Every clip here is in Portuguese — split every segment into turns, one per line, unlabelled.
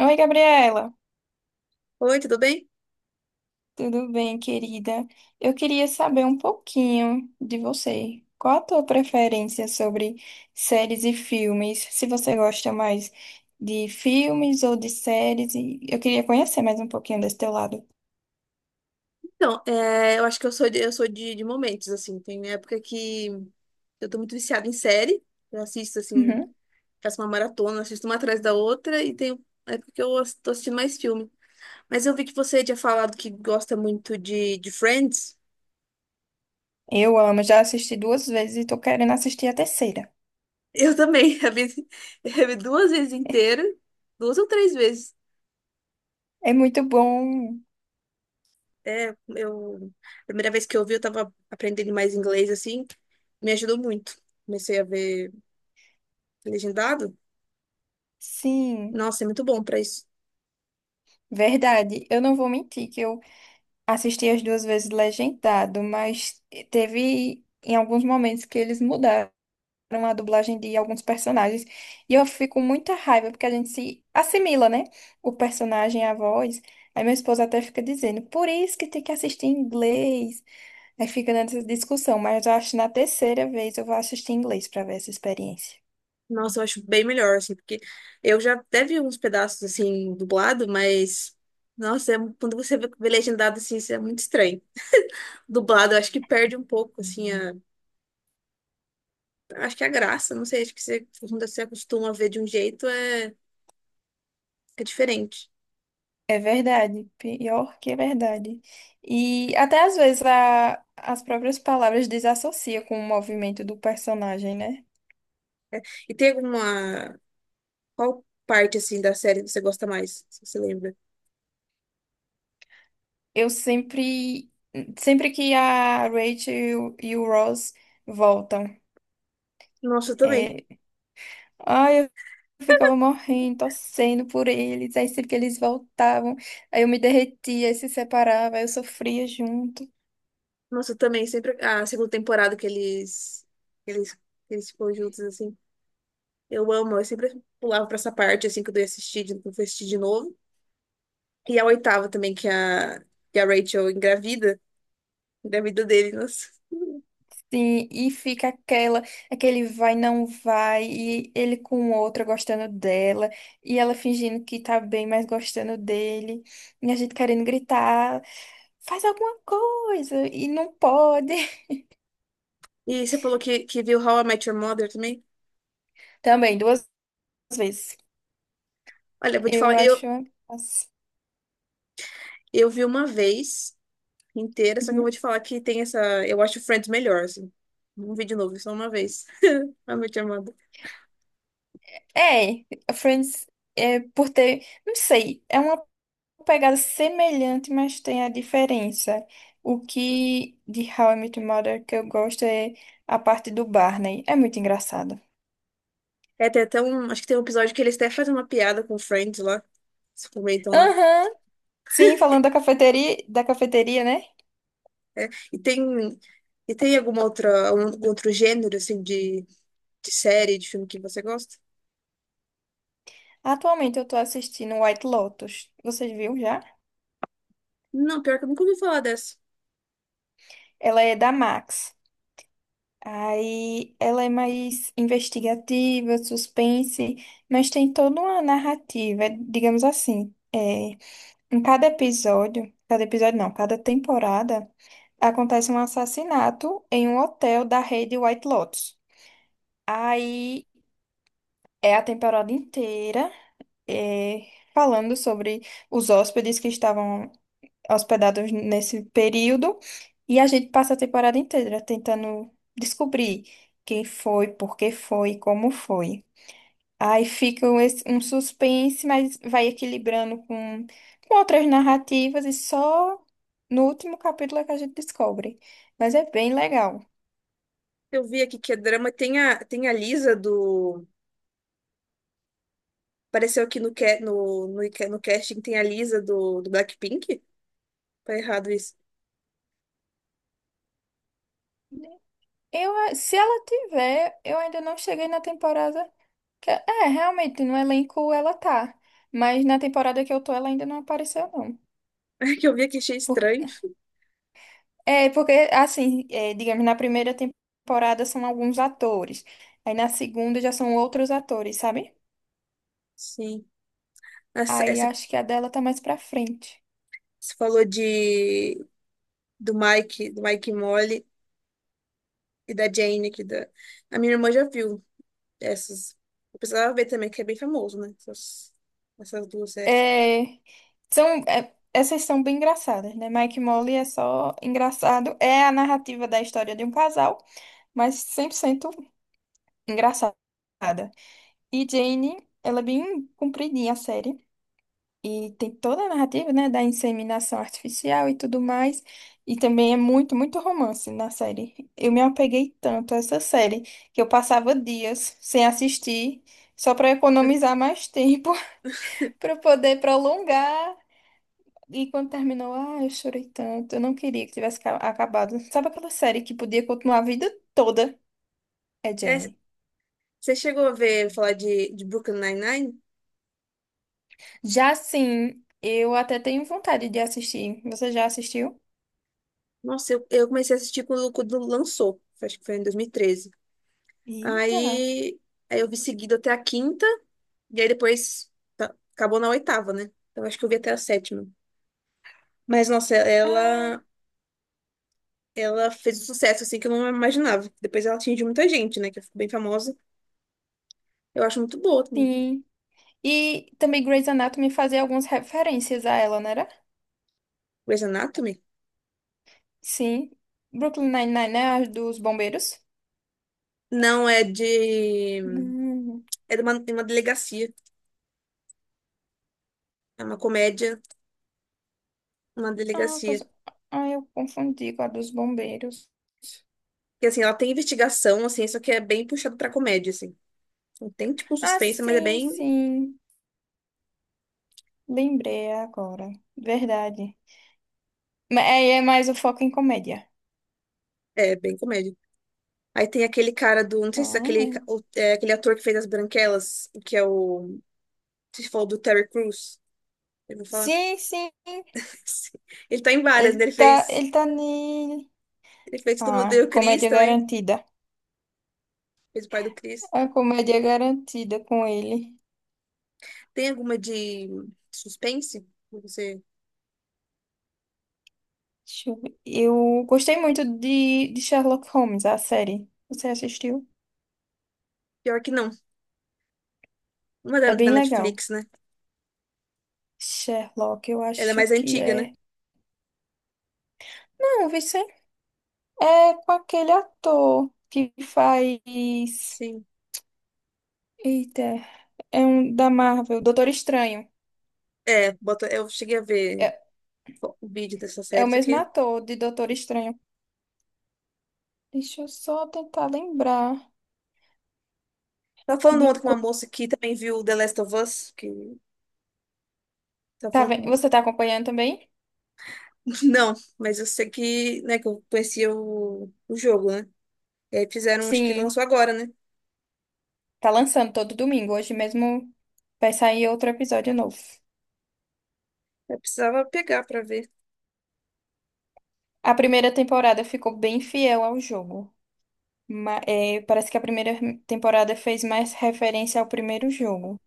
Oi, Gabriela.
Oi, tudo bem?
Tudo bem, querida? Eu queria saber um pouquinho de você. Qual a tua preferência sobre séries e filmes? Se você gosta mais de filmes ou de séries, e eu queria conhecer mais um pouquinho desse teu lado.
Eu acho que eu sou de momentos, assim. Tem época que eu tô muito viciada em série. Eu assisto, assim,
Uhum.
faço uma maratona, assisto uma atrás da outra. E tem época que tô assistindo mais filme. Mas eu vi que você tinha falado que gosta muito de Friends.
Eu amo, já assisti duas vezes e tô querendo assistir a terceira.
Eu também. Eu vi duas vezes inteira. Duas ou três vezes.
É muito bom.
É, eu... A primeira vez que eu vi, eu tava aprendendo mais inglês, assim. Me ajudou muito. Comecei a ver legendado.
Sim,
Nossa, é muito bom pra isso.
verdade. Eu não vou mentir que eu assisti as duas vezes legendado, mas teve em alguns momentos que eles mudaram a dublagem de alguns personagens. E eu fico com muita raiva, porque a gente se assimila, né? O personagem, a voz. Aí meu esposo até fica dizendo, por isso que tem que assistir em inglês. Aí fica nessa discussão, mas eu acho que na terceira vez eu vou assistir em inglês para ver essa experiência.
Nossa, eu acho bem melhor, assim, porque eu já até vi uns pedaços, assim, dublado, nossa, quando você vê legendado, assim, isso é muito estranho. Dublado, eu acho que perde um pouco, assim, acho que é a graça, não sei, acho que quando você acostuma a ver de um jeito, é diferente.
É verdade, pior que é verdade. E até às vezes as próprias palavras desassociam com o movimento do personagem, né?
E tem alguma, qual parte, assim, da série você gosta mais, se você lembra?
Eu sempre, sempre que a Rachel e o Ross voltam,
Nossa, eu também.
é, ai, eu ficava morrendo, torcendo por eles. Aí sempre que eles voltavam, aí eu me derretia, aí se separava, aí eu sofria junto.
Nossa, eu também, sempre a segunda temporada que eles ficam juntos, assim. Eu amo, eu sempre pulava pra essa parte, assim, que eu fui assistir de novo. E a oitava também, que a Rachel engravida dele, nossa.
Sim, e fica aquele vai, não vai, e ele com outra gostando dela, e ela fingindo que tá bem, mas gostando dele, e a gente querendo gritar, faz alguma coisa, e não pode.
E você falou que viu How I Met Your Mother também?
Também, duas vezes.
Olha, eu vou te
Eu
falar,
acho.
eu vi uma vez inteira, só que eu vou
Uhum.
te falar que tem essa... Eu acho Friends melhor, assim. Não vi de novo, é só uma vez. How I Met Your Mother.
É, Friends é por ter, não sei, é uma pegada semelhante, mas tem a diferença. O que de How I Met Your Mother que eu gosto é a parte do Barney. É muito engraçado.
É, tem até um... Acho que tem um episódio que eles até fazem uma piada com Friends lá. Se comentam lá.
Aham. Sim, falando da cafeteria, né?
E tem... E tem alguma outra, algum outro gênero, assim, de série, de filme que você gosta?
Atualmente eu tô assistindo White Lotus. Vocês viram já?
Não, pior que eu nunca ouvi falar dessa.
Ela é da Max. Aí ela é mais investigativa, suspense, mas tem toda uma narrativa, digamos assim. É, em cada episódio não, cada temporada, acontece um assassinato em um hotel da rede White Lotus. Aí é a temporada inteira, é, falando sobre os hóspedes que estavam hospedados nesse período. E a gente passa a temporada inteira tentando descobrir quem foi, por que foi, como foi. Aí fica um suspense, mas vai equilibrando com outras narrativas e só no último capítulo é que a gente descobre. Mas é bem legal.
Eu vi aqui que é drama. Tem a Lisa do. Pareceu que no casting tem a Lisa do Blackpink? Tá errado isso.
Se ela tiver, eu ainda não cheguei na temporada. É, realmente, no elenco ela tá. Mas na temporada que eu tô, ela ainda não apareceu, não.
É que eu vi aqui, achei estranho.
É, porque, assim, é, digamos, na primeira temporada são alguns atores. Aí na segunda já são outros atores, sabe?
Sim. Essa,
Aí
essa,
acho que a dela tá mais pra frente.
você falou do Mike e Molly e da Jane aqui. Da... A minha irmã já viu essas. Eu precisava ver também, que é bem famoso, né? Essas duas séries.
É, são, é, essas são bem engraçadas, né? Mike e Molly é só engraçado. É a narrativa da história de um casal, mas 100% engraçada. E Jane, ela é bem compridinha a série. E tem toda a narrativa, né, da inseminação artificial e tudo mais. E também é muito, muito romance na série. Eu me apeguei tanto a essa série que eu passava dias sem assistir, só para economizar mais tempo, para poder prolongar. E quando terminou, ah, eu chorei tanto. Eu não queria que tivesse acabado. Sabe aquela série que podia continuar a vida toda? É
É,
Jane.
você chegou a ver falar de Brooklyn Nine-Nine?
Já sim, eu até tenho vontade de assistir. Você já assistiu?
Nossa, eu comecei a assistir quando lançou. Acho que foi em 2013.
Eita.
Aí, aí eu vi seguido até a quinta, e aí depois acabou na oitava, né? Então acho que eu vi até a sétima. Mas,
Ah,
ela fez um sucesso assim que eu não imaginava. Depois ela atingiu muita gente, né? Que ficou bem famosa. Eu acho muito boa também.
sim. E também Grey's Anatomy fazia algumas referências a ela, não era?
Grey's Anatomy?
Sim. Brooklyn Nine-Nine, né? A dos bombeiros.
Não, é de.
Hum.
É de de uma delegacia. É uma comédia, uma
Ah,
delegacia.
pois... ah, eu confundi com a dos bombeiros.
Que assim, ela tem investigação, assim, só que é bem puxado pra comédia, assim. Não tem, tipo, um
Ah,
suspense, mas é
sim,
bem.
sim. Lembrei agora. Verdade. É, é mais o foco em comédia.
É, bem comédia. Aí tem aquele cara do. Não sei se é
Ah.
é aquele ator que fez As Branquelas, que é o. Você falou do Terry Crews. Eu vou falar.
Sim, sim.
Ele tá em várias, né?
Ele
Ele
tá,
fez.
ele tá ne...
Ele fez Todo Mundo
Ah,
Odeia o Chris
comédia
também.
garantida.
Fez o pai do Chris.
A comédia garantida com ele.
Tem alguma de suspense? Que Você...
Deixa eu ver. Eu gostei muito de Sherlock Holmes, a série. Você assistiu?
Pior que não. Uma
É
da
bem legal.
Netflix, né?
Sherlock, eu
Ela é
acho
mais
que
antiga, né?
é. Não, Vice, é com aquele ator que faz.
Sim.
Eita, é um da Marvel, Doutor Estranho.
É, bota... eu cheguei a ver
É,
o vídeo dessa
é o
série, só
mesmo
que.
ator de Doutor Estranho. Deixa eu só tentar lembrar
Tava falando
de.
ontem com uma moça que também viu The Last of Us, que tava
Tá
falando
vendo?
com
Você tá acompanhando também?
Não, mas eu sei que, né, que eu conhecia o jogo, né? E aí fizeram, acho que
Sim,
lançou agora, né?
tá lançando todo domingo. Hoje mesmo vai sair outro episódio novo.
Eu precisava pegar pra ver.
A primeira temporada ficou bem fiel ao jogo. É, parece que a primeira temporada fez mais referência ao primeiro jogo.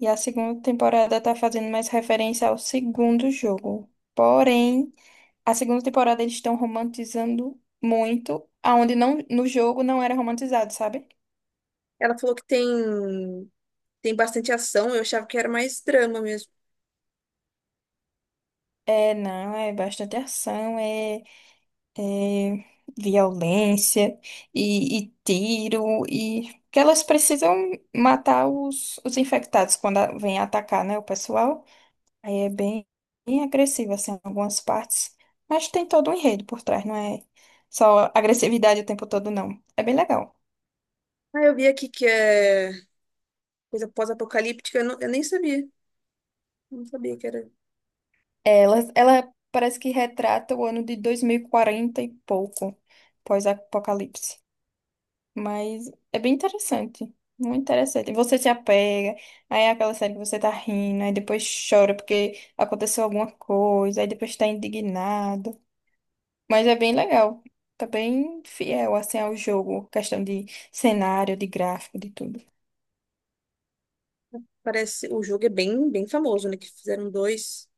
E a segunda temporada está fazendo mais referência ao segundo jogo. Porém, a segunda temporada eles estão romantizando muito, aonde não, no jogo não era romantizado, sabe?
Ela falou que tem bastante ação, eu achava que era mais drama mesmo.
É, não, é bastante ação, é, violência e tiro e que elas precisam matar os infectados quando vem atacar, né, o pessoal. Aí é bem, bem agressivo assim em algumas partes, mas tem todo um enredo por trás, não é só agressividade o tempo todo não. É bem legal.
Ah, eu vi aqui que é coisa pós-apocalíptica, eu nem sabia. Não sabia que era.
Ela parece que retrata o ano de 2040 e pouco, pós-apocalipse. Mas é bem interessante. Muito interessante. E você se apega, aí é aquela série que você tá rindo, aí depois chora porque aconteceu alguma coisa, aí depois tá indignado. Mas é bem legal. Tá bem fiel, assim, ao jogo. Questão de cenário, de gráfico, de tudo.
Parece, o jogo é bem famoso, né? Que fizeram dois,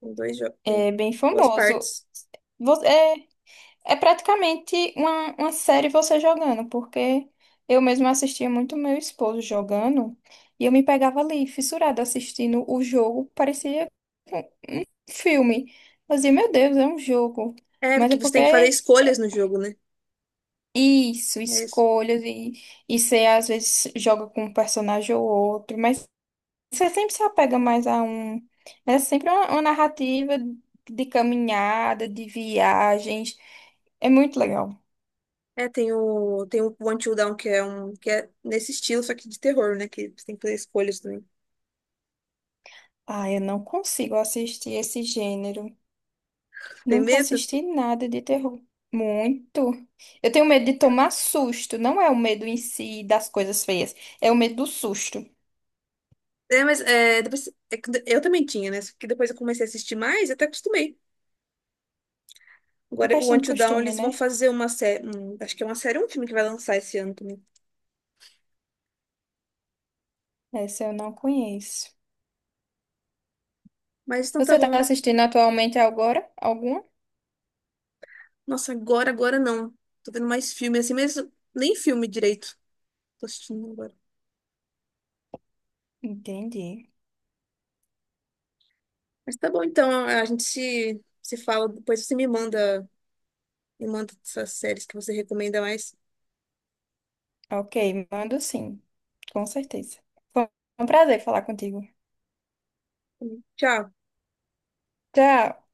tem dois jogos, tem
É bem
duas
famoso.
partes.
É, é praticamente uma série você jogando, porque eu mesma assistia muito meu esposo jogando e eu me pegava ali, fissurada, assistindo o jogo. Parecia filme. Eu dizia, meu Deus, é um jogo.
É,
Mas é
porque você
porque
tem que fazer
é
escolhas no jogo, né?
isso,
Mas
e você às vezes joga com um personagem ou outro, mas você sempre se apega mais a um. É sempre uma narrativa de caminhada, de viagens. É muito legal.
É, tem tem o One Till Down, que é um que é nesse estilo, só que de terror, né? Que você tem que fazer escolhas também.
Ah, eu não consigo assistir esse gênero.
Tem
Nunca
medo?
assisti nada de terror. Muito. Eu tenho medo de tomar susto. Não é o medo em si das coisas feias, é o medo do susto.
É, é que eu também tinha, né? Só que depois eu comecei a assistir mais, até acostumei.
É
Agora, o
questão
One
de
Till
costume,
eles
né?
vão fazer uma série. Um, acho que é uma série, um filme que vai lançar esse ano também.
Essa eu não conheço.
Mas então tá
Você tá
bom.
assistindo atualmente agora? Alguma?
Nossa, agora não. Tô vendo mais filme assim, mas nem filme direito. Tô assistindo agora.
Entendi.
Mas tá bom, então a gente se fala, depois você me me manda essas séries que você recomenda mais.
Ok, mando sim. Com certeza. Foi um prazer falar contigo.
Tchau.
Tchau.